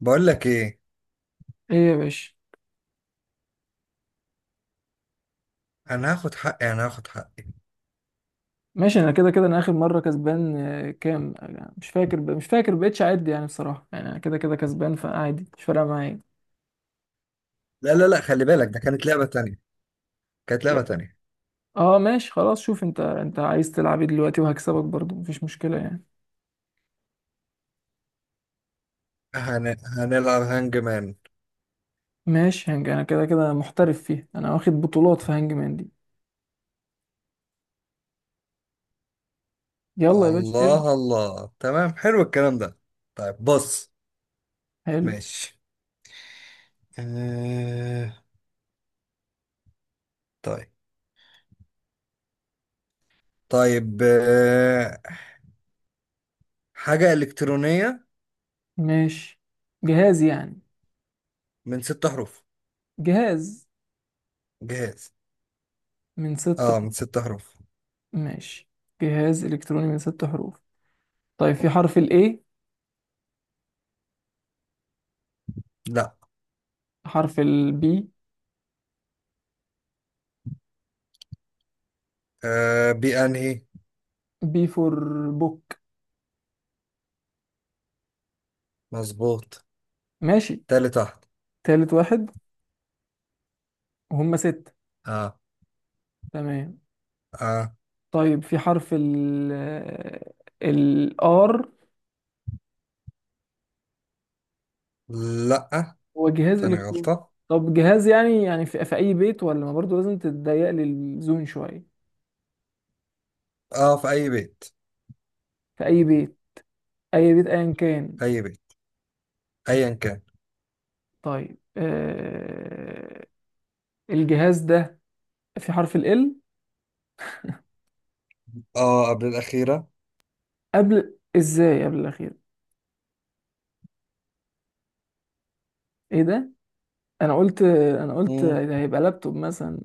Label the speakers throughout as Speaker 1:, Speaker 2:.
Speaker 1: بقول لك ايه.
Speaker 2: ايه يا باشا.
Speaker 1: انا هاخد حقي.
Speaker 2: ماشي، انا كده كده انا اخر مره كسبان. كام أنا مش فاكر مش فاكر بقيتش اعد يعني، بصراحه يعني انا كده كده كسبان، فعادي مش فارقه معايا.
Speaker 1: لا لا لا، خلي بالك، ده كانت لعبة
Speaker 2: لا.
Speaker 1: تانية.
Speaker 2: اه ماشي خلاص، شوف انت عايز تلعب ايه دلوقتي؟ وهكسبك برضو، مفيش مشكله يعني.
Speaker 1: هن... هنلعب هانج مان.
Speaker 2: ماشي، هنج انا كده كده محترف فيها، انا واخد بطولات في هانج مان دي. يلا يا باشا ابدا.
Speaker 1: الله الله، تمام، حلو الكلام ده. طيب بص.
Speaker 2: حلو.
Speaker 1: ماشي. آه... طيب. طيب آه... حاجة إلكترونية
Speaker 2: ماشي. جهاز يعني.
Speaker 1: من ست حروف.
Speaker 2: جهاز
Speaker 1: جهاز،
Speaker 2: من ست.
Speaker 1: اه، من ست حروف.
Speaker 2: ماشي، جهاز الكتروني من ست حروف. طيب، في حرف الاي؟
Speaker 1: لا.
Speaker 2: حرف البي؟
Speaker 1: بأنهي؟
Speaker 2: بي فور؟ بوك.
Speaker 1: مظبوط.
Speaker 2: ماشي.
Speaker 1: تالت واحد.
Speaker 2: تالت واحد. وهم ستة؟
Speaker 1: اه.
Speaker 2: تمام.
Speaker 1: اه.
Speaker 2: طيب، في حرف ال ال R؟
Speaker 1: لا،
Speaker 2: هو جهاز
Speaker 1: تاني
Speaker 2: إلكتروني.
Speaker 1: غلطة.
Speaker 2: طب جهاز يعني يعني في أي بيت ولا ما، برضه لازم تتضيق لي الزون شوية.
Speaker 1: اه، في أي بيت.
Speaker 2: في أي بيت؟ أي بيت أيا كان.
Speaker 1: أي بيت ايا كان.
Speaker 2: طيب آه، الجهاز ده في حرف ال L؟
Speaker 1: اه، قبل الاخيره.
Speaker 2: قبل إزاي قبل الأخير؟ إيه ده. أنا قلت، أنا قلت
Speaker 1: امم.
Speaker 2: ده هيبقى لابتوب مثلا.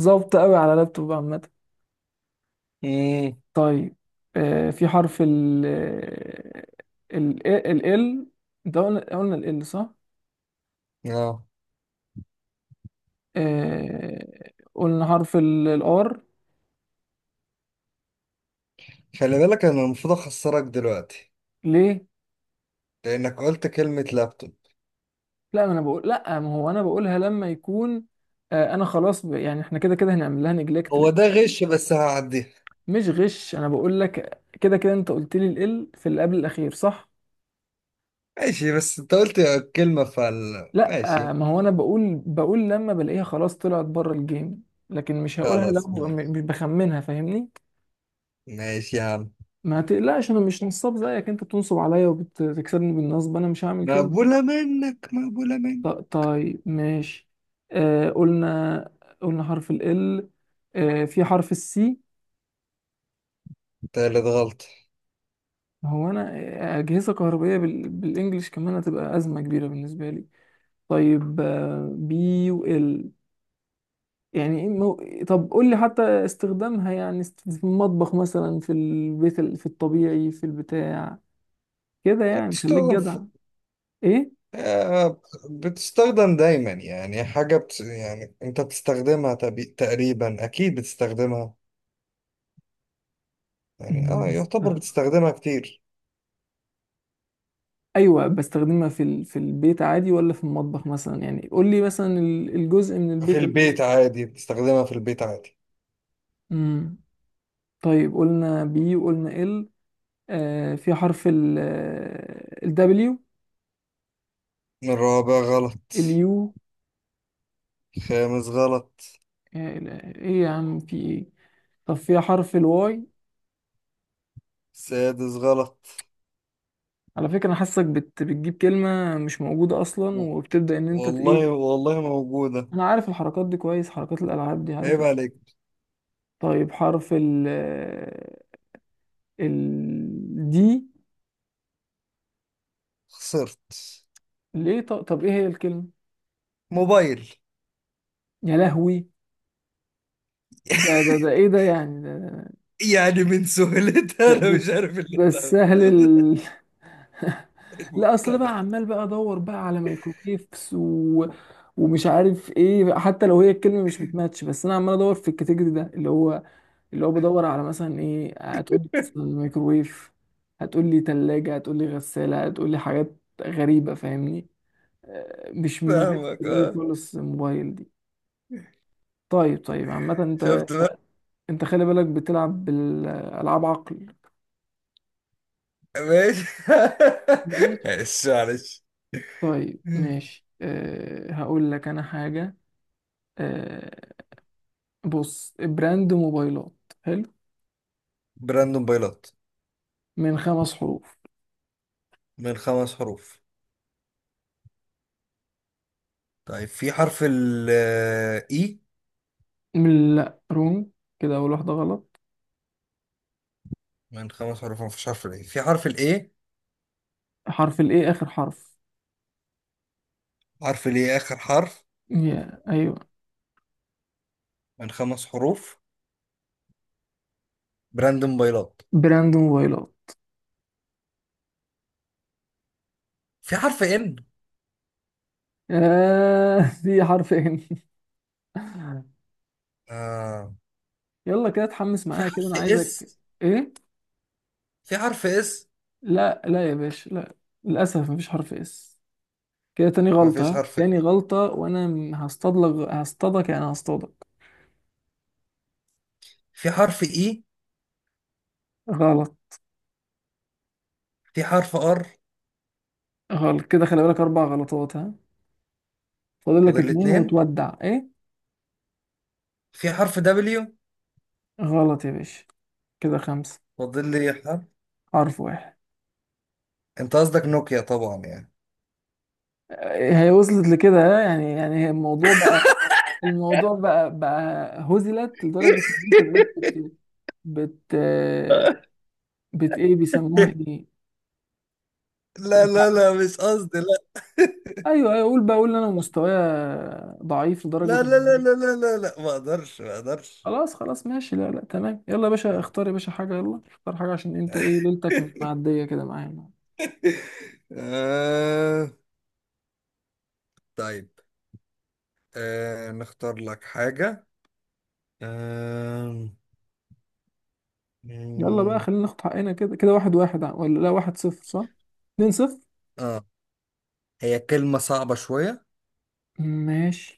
Speaker 2: ظابطة قوي على لابتوب عامة.
Speaker 1: امم.
Speaker 2: طيب في حرف ال ال ال ال، ده قلنا ال ال صح؟
Speaker 1: اه،
Speaker 2: قلنا حرف الار.
Speaker 1: خلي بالك انا المفروض اخسرك دلوقتي،
Speaker 2: ليه؟
Speaker 1: لانك قلت كلمه لابتوب.
Speaker 2: لا ما انا بقول، لا ما هو انا بقولها لما يكون. انا خلاص يعني احنا كده كده هنعمل لها نجلكت.
Speaker 1: هو ده غش بس هعديها.
Speaker 2: مش غش، انا بقول لك كده كده انت قلت لي ال في اللي قبل الاخير صح؟
Speaker 1: ماشي، بس انت قلت كلمه، فال
Speaker 2: لا
Speaker 1: ماشي.
Speaker 2: ما هو انا بقول لما بلاقيها خلاص طلعت بره الجيم، لكن مش هقولها لو
Speaker 1: خلاص ماشي.
Speaker 2: مش بخمنها، فاهمني؟
Speaker 1: ماشي يا عم.
Speaker 2: ما تقلقش، انا مش نصاب زيك، انت بتنصب عليا وبتكسبني بالنصب، انا مش هعمل كده.
Speaker 1: مقبوله منك، مقبوله منك.
Speaker 2: طيب ماشي. آه قلنا، قلنا حرف ال ال. آه في حرف السي؟
Speaker 1: تالت غلطه.
Speaker 2: هو انا آه، اجهزه كهربائيه بالانجلش كمان هتبقى ازمه كبيره بالنسبه لي. طيب آه، بي و ال، يعني إيه طب قول لي حتى استخدامها يعني في المطبخ مثلا في البيت في الطبيعي في البتاع، كده يعني خليك
Speaker 1: بتستخدم
Speaker 2: جدع.
Speaker 1: في...
Speaker 2: ايه،
Speaker 1: آه، بتستخدم دايما، يعني حاجة يعني انت تقريبا اكيد بتستخدمها. يعني اه، يعتبر
Speaker 2: بستخدمها.
Speaker 1: بتستخدمها كتير.
Speaker 2: ايوه بستخدمها في البيت عادي ولا في المطبخ مثلا، يعني قول لي مثلا الجزء من
Speaker 1: في
Speaker 2: البيت اللي.
Speaker 1: البيت عادي، بتستخدمها في البيت عادي.
Speaker 2: امم. طيب قلنا بي وقلنا ال. آه في حرف ال الدبليو؟
Speaker 1: الرابع غلط.
Speaker 2: اليو؟
Speaker 1: خامس غلط.
Speaker 2: ايه يا عم في ايه. طب في حرف الواي؟
Speaker 1: سادس غلط.
Speaker 2: على فكرة انا حاسك بتجيب كلمة مش موجودة اصلا
Speaker 1: و-
Speaker 2: وبتبدأ ان انت
Speaker 1: والله
Speaker 2: ايه.
Speaker 1: والله موجودة.
Speaker 2: انا عارف الحركات دي كويس، حركات الالعاب دي
Speaker 1: عيب
Speaker 2: عارف.
Speaker 1: عليك.
Speaker 2: طيب حرف ال ال دي؟
Speaker 1: خسرت.
Speaker 2: ليه؟ طب ايه هي الكلمة؟
Speaker 1: موبايل.
Speaker 2: يا لهوي. ده ايه ده يعني؟ ده
Speaker 1: يعني من سهولتها
Speaker 2: ده
Speaker 1: انا
Speaker 2: ده,
Speaker 1: مش
Speaker 2: الس-
Speaker 1: عارف اللي
Speaker 2: ده
Speaker 1: انت
Speaker 2: السهل
Speaker 1: عملته
Speaker 2: ال...
Speaker 1: ده.
Speaker 2: لا اصل
Speaker 1: المبتدأ.
Speaker 2: بقى عمال بقى ادور بقى على مايكروويفز و... ومش عارف ايه، حتى لو هي الكلمه مش بتماتش بس انا عمال ادور في الكاتيجوري ده، اللي هو بدور على مثلا ايه، هتقول لي مثلا مايكروويف، هتقول لي ثلاجه، هتقول لي غساله، هتقول لي حاجات غريبه فاهمني. آه، مش ما جاتش في
Speaker 1: فاهمك
Speaker 2: دماغي
Speaker 1: اه.
Speaker 2: خالص الموبايل دي. طيب عامه انت،
Speaker 1: شفت بقى.
Speaker 2: انت خلي بالك بتلعب بالالعاب عقل.
Speaker 1: ماشي.
Speaker 2: ماشي.
Speaker 1: معلش معلش.
Speaker 2: طيب ماشي، أه هقول لك انا حاجة. أه، بص، براند موبايلات. حلو.
Speaker 1: براند موبايلات
Speaker 2: من خمس حروف.
Speaker 1: من خمس حروف. طيب، في حرف ال E؟
Speaker 2: من لا رونج، كده اول واحدة غلط.
Speaker 1: من خمس حروف. مفيش حرف الاي. في حرف الاي؟
Speaker 2: حرف الايه اخر حرف.
Speaker 1: حرف الاي اخر حرف.
Speaker 2: يا ايوه.
Speaker 1: من خمس حروف، براند موبايلات.
Speaker 2: براند موبايلات.
Speaker 1: في حرف ان.
Speaker 2: آه دي حرفين.
Speaker 1: آه.
Speaker 2: يلا كده اتحمس
Speaker 1: في
Speaker 2: معايا، كده
Speaker 1: حرف
Speaker 2: انا عايزك.
Speaker 1: اس؟
Speaker 2: ايه.
Speaker 1: في حرف اس؟
Speaker 2: لا، يا باشا لا، للاسف مفيش حرف اس. كده تاني
Speaker 1: مفيش
Speaker 2: غلطة،
Speaker 1: حرف
Speaker 2: تاني
Speaker 1: إس.
Speaker 2: غلطة، وانا هصطادلك، هصطادك يعني هصطادك.
Speaker 1: في حرف اي؟
Speaker 2: غلط.
Speaker 1: في حرف ار؟
Speaker 2: غلط، كده خلي بالك أربع غلطات ها. فاضل لك
Speaker 1: فاضل لي
Speaker 2: اتنين
Speaker 1: اتنين.
Speaker 2: وتودع إيه.
Speaker 1: في حرف دبليو؟
Speaker 2: غلط يا باشا. كده خمسة.
Speaker 1: فاضل لي حرف.
Speaker 2: حرف واحد.
Speaker 1: انت قصدك نوكيا طبعا يعني.
Speaker 2: آه، هي وصلت لكده ها؟ يعني الموضوع بقى، الموضوع بقى هزلت لدرجة إن أنت بقيت بت بت إيه بيسموها إيه.
Speaker 1: لا لا لا، مش قصدي، لا.
Speaker 2: ايوه، ايوه، قول بقى، قول ان انا مستوايا ضعيف لدرجه
Speaker 1: لا لا لا
Speaker 2: إن-
Speaker 1: لا لا لا لا، ما اقدرش، ما اقدرش.
Speaker 2: خلاص، ماشي، لا لا تمام، يلا يا باشا اختار يا باشا حاجه، يلا اختار حاجه، عشان انت ايه ليلتك مش معديه كده معايا.
Speaker 1: آه. طيب. آه، نختار لك حاجة. آه.
Speaker 2: يلا بقى خلينا ناخد حقنا، كده كده واحد واحد ولا لا واحد صفر صح؟ اتنين صفر.
Speaker 1: آه، هي كلمة صعبة شوية.
Speaker 2: ماشي.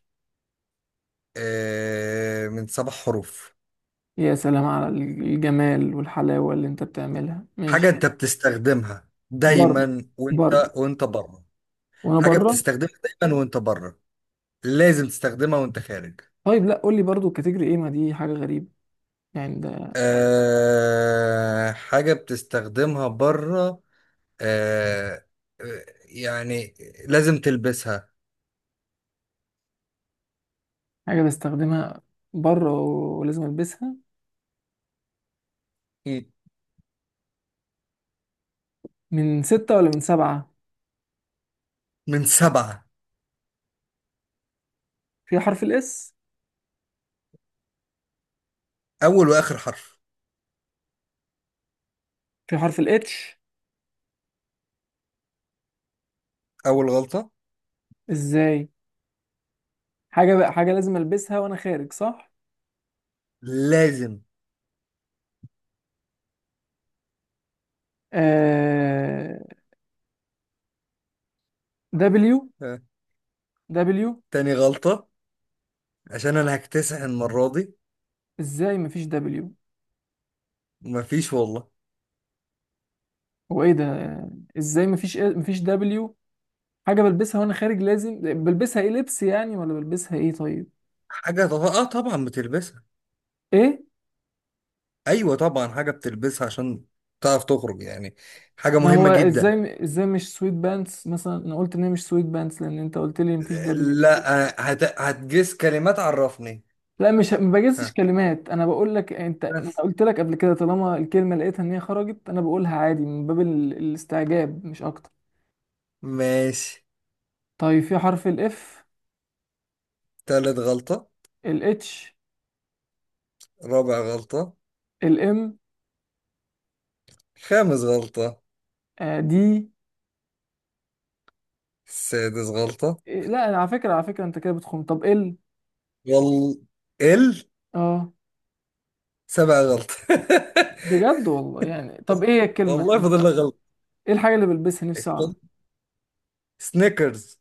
Speaker 1: آه، من سبع حروف.
Speaker 2: يا سلام على الجمال والحلاوة اللي انت بتعملها،
Speaker 1: حاجة
Speaker 2: ماشي.
Speaker 1: أنت بتستخدمها
Speaker 2: برضو.
Speaker 1: دايما وأنت،
Speaker 2: برضو.
Speaker 1: وأنت بره.
Speaker 2: وانا
Speaker 1: حاجة
Speaker 2: بره.
Speaker 1: بتستخدمها دايما وأنت بره. لازم تستخدمها وأنت خارج.
Speaker 2: طيب لا قول لي برضو الكاتيجوري ايه، ما دي حاجة غريبة يعني ده.
Speaker 1: آه، حاجة بتستخدمها بره. آه. آه، يعني لازم تلبسها.
Speaker 2: حاجة بستخدمها بره ولازم البسها.
Speaker 1: مم.
Speaker 2: من ستة ولا من سبعة؟
Speaker 1: من سبعة.
Speaker 2: في حرف الاس؟
Speaker 1: أول وآخر حرف.
Speaker 2: في حرف الاتش؟
Speaker 1: أول غلطة.
Speaker 2: ازاي. حاجة بقى، حاجة لازم البسها وانا خارج صح؟
Speaker 1: لازم.
Speaker 2: آه... دبليو.
Speaker 1: آه.
Speaker 2: دبليو.
Speaker 1: تاني غلطة. عشان انا هكتسح المرة دي.
Speaker 2: ازاي مفيش دبليو.
Speaker 1: مفيش والله.
Speaker 2: هو ايه ده. ازاي مفيش إيه، مفيش دبليو. حاجه بلبسها وانا خارج، لازم بلبسها ايه، لبس يعني ولا بلبسها ايه؟ طيب.
Speaker 1: اه طبعا بتلبسها.
Speaker 2: ايه.
Speaker 1: ايوه طبعا، حاجة بتلبسها عشان تعرف تخرج يعني. حاجة
Speaker 2: ما هو
Speaker 1: مهمة جدا.
Speaker 2: ازاي، ازاي مش سويت بانتس مثلا، انا قلت ان هي مش سويت بانتس لان انت قلت لي مفيش دبليو.
Speaker 1: لا، هتجس كلمات، عرفني.
Speaker 2: لا مش ما بجزش
Speaker 1: ها؟
Speaker 2: كلمات، انا بقول لك، انت انا
Speaker 1: بس
Speaker 2: قلت لك قبل كده طالما الكلمه لقيتها ان هي خرجت انا بقولها عادي من باب الاستعجاب، مش اكتر.
Speaker 1: ماشي.
Speaker 2: طيب في حرف الاف؟
Speaker 1: تالت غلطة.
Speaker 2: الاتش؟
Speaker 1: رابع غلطة.
Speaker 2: الام؟
Speaker 1: خامس غلطة.
Speaker 2: دي؟
Speaker 1: سادس غلطة.
Speaker 2: لا على فكره، انت كده بتخم. طب ال.
Speaker 1: وال، ال.
Speaker 2: اه
Speaker 1: سبع غلطة.
Speaker 2: بجد والله، يعني طب ايه هي الكلمة
Speaker 1: والله
Speaker 2: انت.
Speaker 1: فاضل لك غلطة.
Speaker 2: ايه الحاجة اللي بلبسها، نفسي اعرف.
Speaker 1: سنيكرز.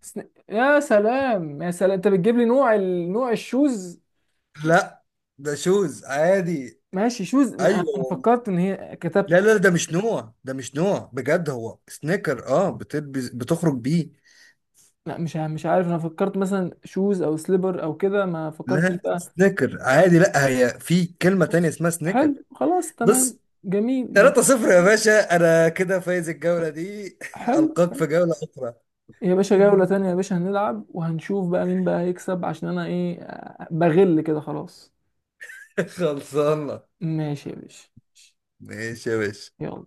Speaker 2: يا سلام، انت بتجيب لي نوع ال... نوع الشوز.
Speaker 1: لا، ده شوز عادي.
Speaker 2: ماشي شوز
Speaker 1: ايوه
Speaker 2: انا
Speaker 1: والله.
Speaker 2: فكرت ان هي كتبت.
Speaker 1: لا لا، ده مش نوع، ده مش نوع بجد، هو سنيكر اه، بتلبس بتخرج بيه.
Speaker 2: لا مش عارف، انا فكرت مثلا شوز او سليبر او كده، ما فكرتش
Speaker 1: لا
Speaker 2: بقى.
Speaker 1: سنيكر عادي. لا هي في كلمة تانية اسمها سنيكر
Speaker 2: حلو خلاص تمام.
Speaker 1: بس.
Speaker 2: جميل.
Speaker 1: 3-0 يا باشا، انا كده فايز الجولة دي.
Speaker 2: حلو.
Speaker 1: القاك في جولة اخرى.
Speaker 2: يا باشا جولة تانية يا باشا، هنلعب وهنشوف بقى مين بقى هيكسب، عشان انا ايه آه، بغل كده خلاص.
Speaker 1: خلصانة.
Speaker 2: ماشي يا باشا.
Speaker 1: ماشي يا باشا.
Speaker 2: يلا.